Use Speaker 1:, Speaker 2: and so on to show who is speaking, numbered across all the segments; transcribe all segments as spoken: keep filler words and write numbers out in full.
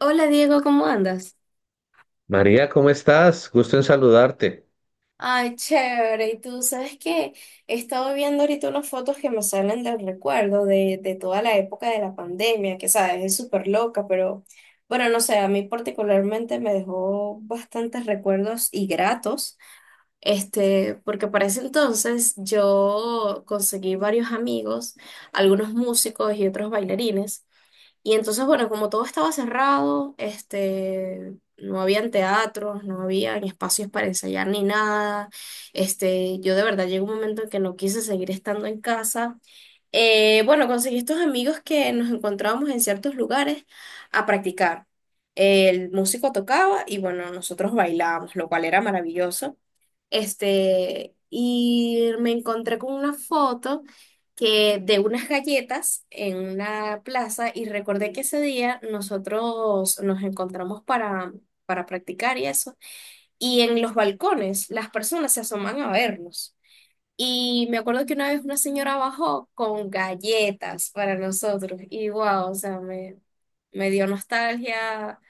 Speaker 1: Hola Diego, ¿cómo andas?
Speaker 2: María, ¿cómo estás? Gusto en saludarte.
Speaker 1: Ay, chévere. Y tú sabes que he estado viendo ahorita unas fotos que me salen del recuerdo de, de toda la época de la pandemia, que sabes, es súper loca, pero bueno, no sé, a mí particularmente me dejó bastantes recuerdos y gratos, este, porque para ese entonces yo conseguí varios amigos, algunos músicos y otros bailarines. Y entonces, bueno, como todo estaba cerrado, este, no habían teatros, no habían espacios para ensayar ni nada. Este, yo de verdad llegó un momento en que no quise seguir estando en casa. Eh, bueno, conseguí estos amigos que nos encontrábamos en ciertos lugares a practicar. El músico tocaba y bueno, nosotros bailábamos, lo cual era maravilloso. Este, y me encontré con una foto que de unas galletas en una plaza y recordé que ese día nosotros nos encontramos para, para practicar y eso. Y en los balcones las personas se asoman a vernos. Y me acuerdo que una vez una señora bajó con galletas para nosotros y wow, o sea, me, me dio nostalgia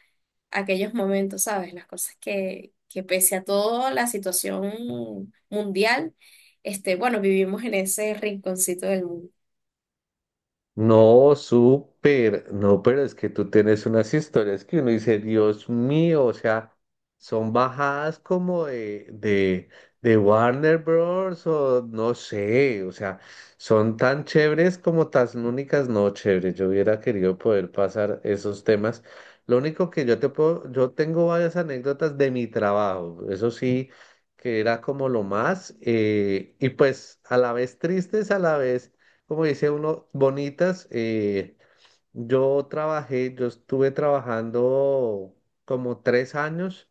Speaker 1: aquellos momentos, ¿sabes? Las cosas que, que pese a toda la situación mundial, este, bueno, vivimos en ese rinconcito del mundo.
Speaker 2: No, súper, no, pero es que tú tienes unas historias que uno dice, Dios mío, o sea, son bajadas como de, de, de Warner Bros. O no sé, o sea, son tan chéveres como tan únicas, no chéveres. Yo hubiera querido poder pasar esos temas. Lo único que yo te puedo, yo tengo varias anécdotas de mi trabajo, eso sí, que era como lo más, eh, y pues a la vez tristes, a la vez como dice uno, bonitas. eh, yo trabajé, yo estuve trabajando como tres años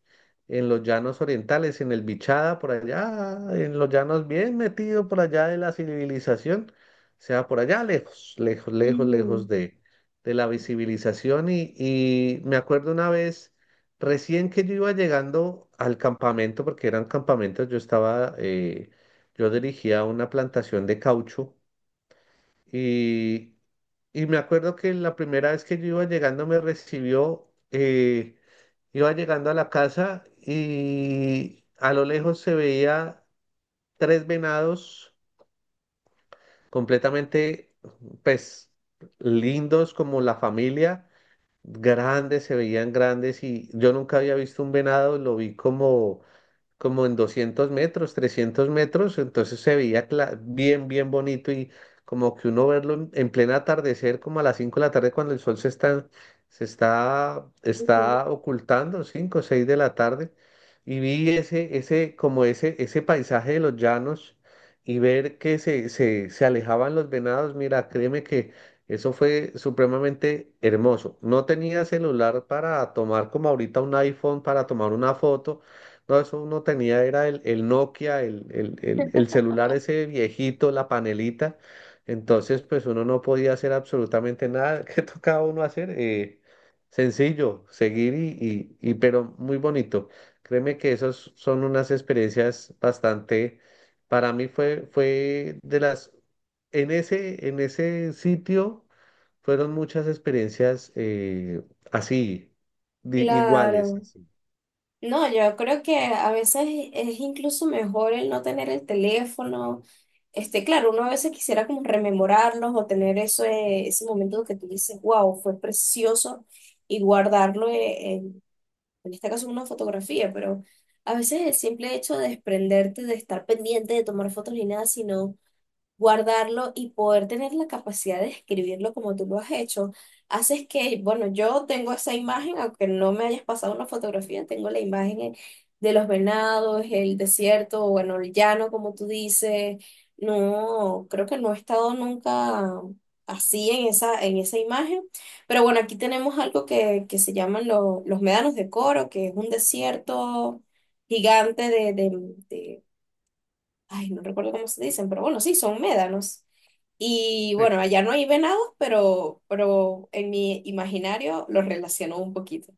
Speaker 2: en los llanos orientales, en el Bichada, por allá, en los llanos bien metido por allá de la civilización, o sea, por allá lejos, lejos, lejos, lejos
Speaker 1: Ujú,
Speaker 2: de, de la visibilización. Y, y me acuerdo una vez, recién que yo iba llegando al campamento, porque eran campamentos, yo estaba, eh, yo dirigía una plantación de caucho y, y me acuerdo que la primera vez que yo iba llegando me recibió, eh, iba llegando a la casa y a lo lejos se veía tres venados completamente, pues, lindos como la familia, grandes, se veían grandes y yo nunca había visto un venado, lo vi como como en doscientos metros, trescientos metros, entonces se veía cla- bien, bien bonito y como que uno verlo en, en pleno atardecer, como a las cinco de la tarde cuando el sol se está, se está,
Speaker 1: ujú.
Speaker 2: está ocultando, cinco o seis de la tarde, y vi ese, ese, como ese, ese paisaje de los llanos y ver que se, se, se alejaban los venados, mira, créeme que... Eso fue supremamente hermoso. No tenía celular para tomar como ahorita un iPhone para tomar una foto, no, eso uno tenía, era el, el Nokia, el, el, el- el celular ese viejito, la panelita. Entonces, pues uno no podía hacer absolutamente nada. ¿Qué tocaba uno hacer? Eh, sencillo, seguir y, y, y- pero muy bonito. Créeme que esas son unas experiencias bastante, para mí fue, fue de las, en ese, en ese sitio fueron muchas experiencias eh, así, di- iguales,
Speaker 1: Claro.
Speaker 2: así.
Speaker 1: No, yo creo que a veces es incluso mejor el no tener el teléfono. Este, claro, uno a veces quisiera como rememorarlos o tener eso, eh, ese momento que tú dices, wow, fue precioso y guardarlo eh, en, en este caso una fotografía, pero a veces el simple hecho de desprenderte, de estar pendiente, de tomar fotos ni nada, sino guardarlo y poder tener la capacidad de escribirlo como tú lo has hecho, haces que, bueno, yo tengo esa imagen, aunque no me hayas pasado una fotografía, tengo la imagen eh, de los venados, el desierto, o bueno, el llano, como tú dices. No, creo que no he estado nunca así en esa, en esa imagen. Pero bueno, aquí tenemos algo que, que se llaman lo- los médanos de Coro, que es un desierto gigante de, de, ay, no recuerdo cómo se dicen, pero bueno, sí, son médanos. Y bueno, allá no hay venados, pero, pero en mi imaginario los relaciono un poquito.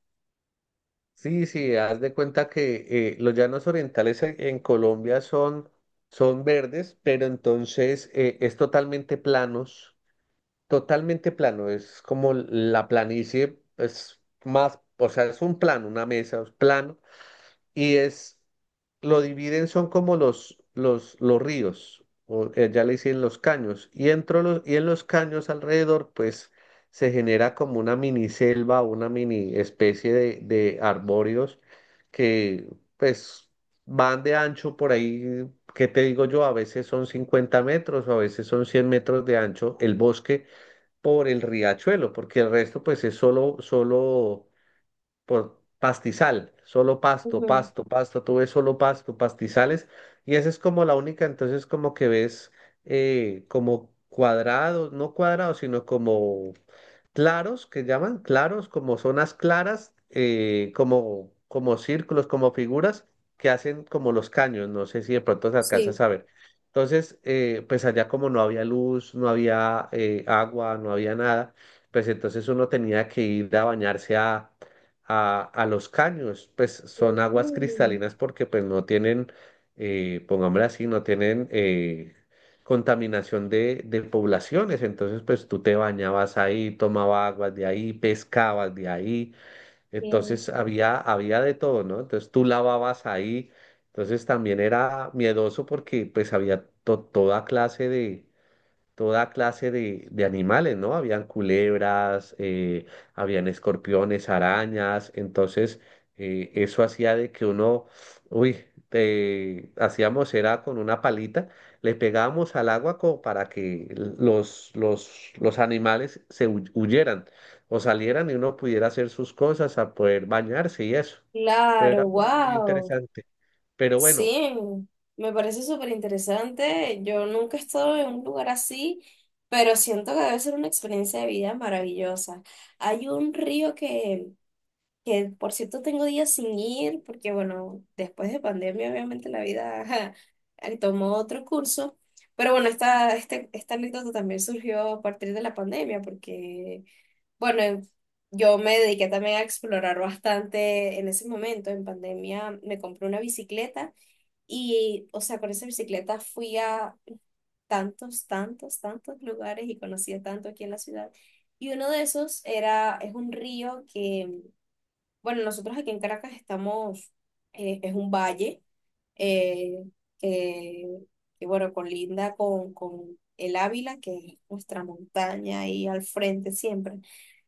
Speaker 2: Sí, sí, haz de cuenta que eh, los llanos orientales en en Colombia son, son verdes, pero entonces eh, es totalmente planos, totalmente plano, es como la planicie, es más, o sea, es un plano, una mesa, es plano y es, lo dividen, son como los, los, los ríos, o eh, ya le dicen los caños, y, entro los, y en los caños alrededor, pues se genera como una mini selva, una mini especie de, de arbóreos que pues van de ancho por ahí, ¿qué te digo yo? A veces son cincuenta metros o a veces son cien metros de ancho el bosque por el riachuelo, porque el resto pues es solo, solo por pastizal, solo pasto,
Speaker 1: Ujú.
Speaker 2: pasto, pasto, tú ves solo pasto, pastizales, y esa es como la única, entonces como que ves eh, como cuadrados, no cuadrados, sino como claros, que llaman claros, como zonas claras, eh, como, como círculos, como figuras que hacen como los caños, no sé si de pronto se alcanzas
Speaker 1: Sí.
Speaker 2: a ver. Entonces, eh, pues allá como no había luz, no había eh, agua, no había nada, pues entonces uno tenía que ir a bañarse a a, a los caños, pues son aguas
Speaker 1: Ujú,
Speaker 2: cristalinas porque pues no tienen, eh, pongámoslo así, no tienen eh, contaminación de, de poblaciones, entonces pues tú te bañabas ahí, tomabas aguas de ahí, pescabas de ahí,
Speaker 1: bien.
Speaker 2: entonces había, había de todo, ¿no? Entonces tú lavabas ahí, entonces también era miedoso porque pues había to- toda clase de toda clase de, de animales, ¿no? Habían culebras, eh, habían escorpiones, arañas, entonces eh, eso hacía de que uno, uy, te- hacíamos era con una palita, le pegábamos al agua como para que los, los, los animales se hu- huyeran o salieran y uno pudiera hacer sus cosas, a poder bañarse y eso. Pero era
Speaker 1: Claro,
Speaker 2: muy, muy
Speaker 1: wow.
Speaker 2: interesante. Pero bueno,
Speaker 1: Sí, me parece súper interesante. Yo nunca he estado en un lugar así, pero siento que debe ser una experiencia de vida maravillosa. Hay un río que que por cierto tengo días sin ir, porque bueno, después de pandemia obviamente la vida ajá, eh, tomó otro curso, pero bueno, esta, este, esta anécdota también surgió a partir de la pandemia, porque bueno, eh, yo me dediqué también a explorar bastante en ese momento, en pandemia me compré una bicicleta y, o sea, con esa bicicleta fui a tantos, tantos, tantos lugares y conocí a tanto aquí en la ciudad. Y uno de esos era, es un río que bueno, nosotros aquí en Caracas estamos, eh, es un valle eh, que, que, bueno, colinda con, con el Ávila, que es nuestra montaña ahí al frente siempre.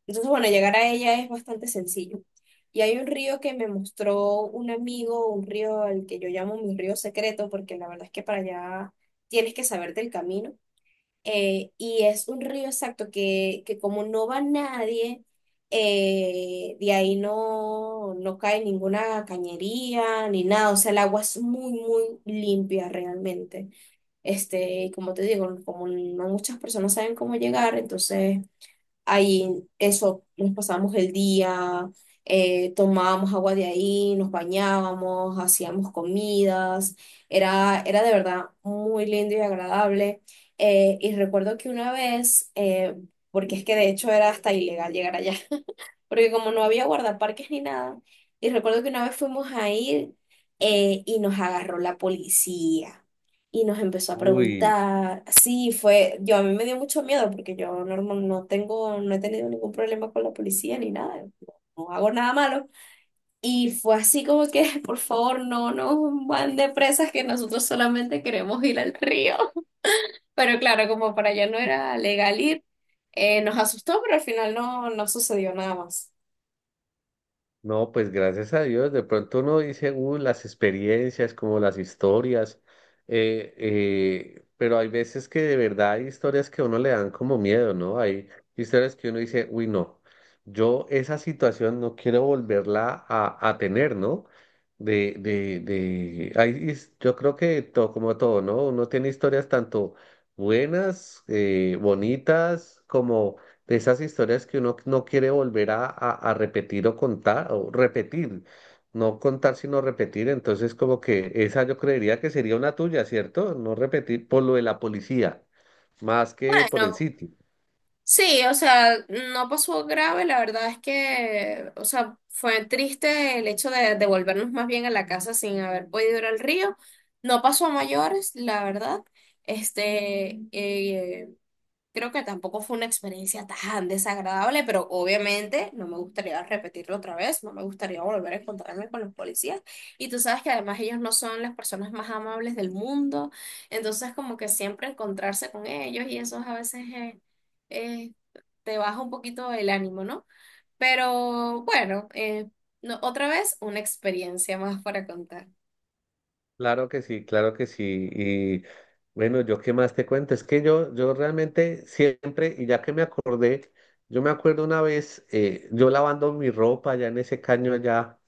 Speaker 1: Entonces, bueno, llegar a ella es bastante sencillo. Y hay un río que me mostró un amigo, un río al que yo llamo mi río secreto, porque la verdad es que para allá tienes que saberte el camino, eh, y es un río exacto que, que como no va nadie, eh, de ahí no, no cae ninguna cañería ni nada, o sea, el agua es muy, muy limpia realmente. Este, y como te digo, como no muchas personas saben cómo llegar, entonces ahí eso, nos pasábamos el día, eh, tomábamos agua de ahí, nos bañábamos, hacíamos comidas, era, era de verdad muy lindo y agradable. Eh, y recuerdo que una vez, eh, porque es que de hecho era hasta ilegal llegar allá, porque como no había guardaparques ni nada, y recuerdo que una vez fuimos a ir, eh, y nos agarró la policía y nos empezó a
Speaker 2: uy.
Speaker 1: preguntar. Sí, fue, yo a mí me dio mucho miedo porque yo normal no tengo, no he tenido ningún problema con la policía ni nada, no no hago nada malo. Y fue así como que, por favor, no nos van de presas que nosotros solamente queremos ir al río. Pero claro, como para allá no era legal ir, eh, nos asustó, pero al final no, no sucedió nada más.
Speaker 2: No, pues gracias a Dios, de pronto uno dice, uh, las experiencias, como las historias, eh, eh, pero hay veces que de verdad hay historias que a uno le dan como miedo, ¿no? Hay historias que uno dice, uy, no, yo esa situación no quiero volverla a, a tener, ¿no? De, de, de, hay his- yo creo que todo, como todo, ¿no? Uno tiene historias tanto buenas, eh, bonitas, como de esas historias que uno no quiere volver a, a- a repetir o contar, o repetir, no contar sino repetir, entonces como que esa yo creería que sería una tuya, ¿cierto? No repetir por lo de la policía, más que por el sitio.
Speaker 1: Sí, o sea, no pasó grave, la verdad es que, o sea, fue triste el hecho de devolvernos más bien a la casa sin haber podido ir al río. No pasó a mayores, la verdad. Este, eh, Creo que tampoco fue una experiencia tan desagradable, pero obviamente no me gustaría repetirlo otra vez, no me gustaría volver a encontrarme con los policías. Y tú sabes que además ellos no son las personas más amables del mundo, entonces como que siempre encontrarse con ellos y eso a veces eh, eh, te baja un poquito el ánimo, ¿no? Pero bueno, eh, no, otra vez una experiencia más para contar.
Speaker 2: Claro que sí, claro que sí. Y bueno, yo qué más te cuento, es que yo, yo realmente siempre, y ya que me acordé, yo me acuerdo una vez, eh, yo lavando mi ropa allá en ese caño allá.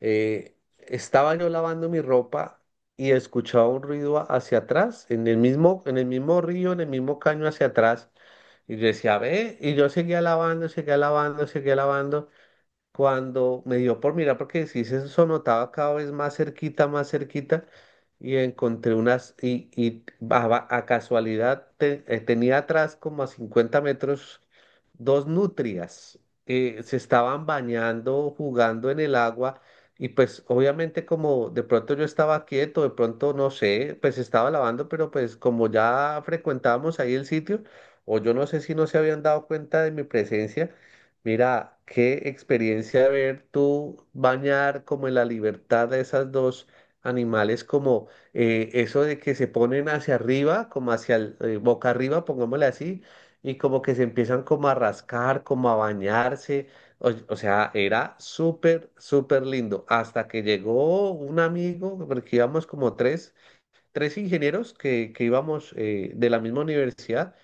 Speaker 2: eh, estaba yo lavando mi ropa y escuchaba un ruido a- hacia atrás, en el mismo, en el mismo río, en el mismo caño hacia atrás. Y yo decía, ve, y yo seguía lavando, seguía lavando, seguía lavando cuando me dio por mirar, porque sí se sonotaba cada vez más cerquita, más cerquita, y encontré unas, y, y a, va- a casualidad te- eh, tenía atrás como a cincuenta metros dos nutrias, eh, se estaban bañando, jugando en el agua, y pues obviamente como de pronto yo estaba quieto, de pronto no sé, pues estaba lavando, pero pues como ya frecuentábamos ahí el sitio, o yo no sé si no se habían dado cuenta de mi presencia, mira, qué experiencia ver tú bañar como en la libertad de esas dos animales, como eh, eso de que se ponen hacia arriba, como hacia el, eh, boca arriba, pongámosle así, y como que se empiezan como a rascar, como a bañarse. O, o sea, era súper, súper lindo. Hasta que llegó un amigo, porque íbamos como tres, tres ingenieros que, que íbamos eh, de la misma universidad.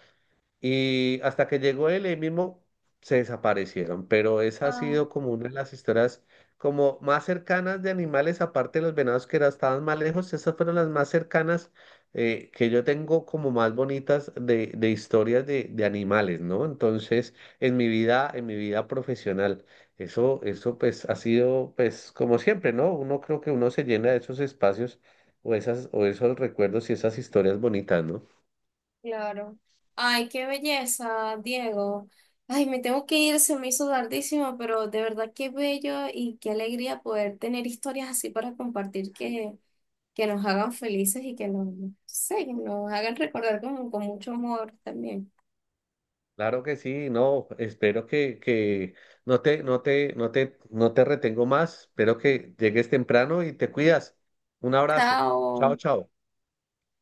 Speaker 2: Y hasta que llegó él, ahí mismo se desaparecieron. Pero esa ha sido como una de las historias como más cercanas de animales, aparte de los venados que era- estaban más lejos, esas fueron las más cercanas eh, que yo tengo como más bonitas de, de historias de, de animales, ¿no? Entonces, en mi vida, en mi vida profesional, eso, eso pues ha sido pues como siempre, ¿no? Uno creo que uno se llena de esos espacios o esas, o esos recuerdos y esas historias bonitas, ¿no?
Speaker 1: Claro. Ay, qué belleza, Diego. Ay, me tengo que ir, se me hizo tardísimo, pero de verdad qué bello y qué alegría poder tener historias así para compartir que, que nos hagan felices y que nos, no sé, que nos hagan recordar con, con mucho amor también.
Speaker 2: Claro que sí, no, espero que, que no te, no te, no te, no te retengo más, espero que llegues temprano y te cuidas. Un abrazo. Chao,
Speaker 1: Chao.
Speaker 2: chao.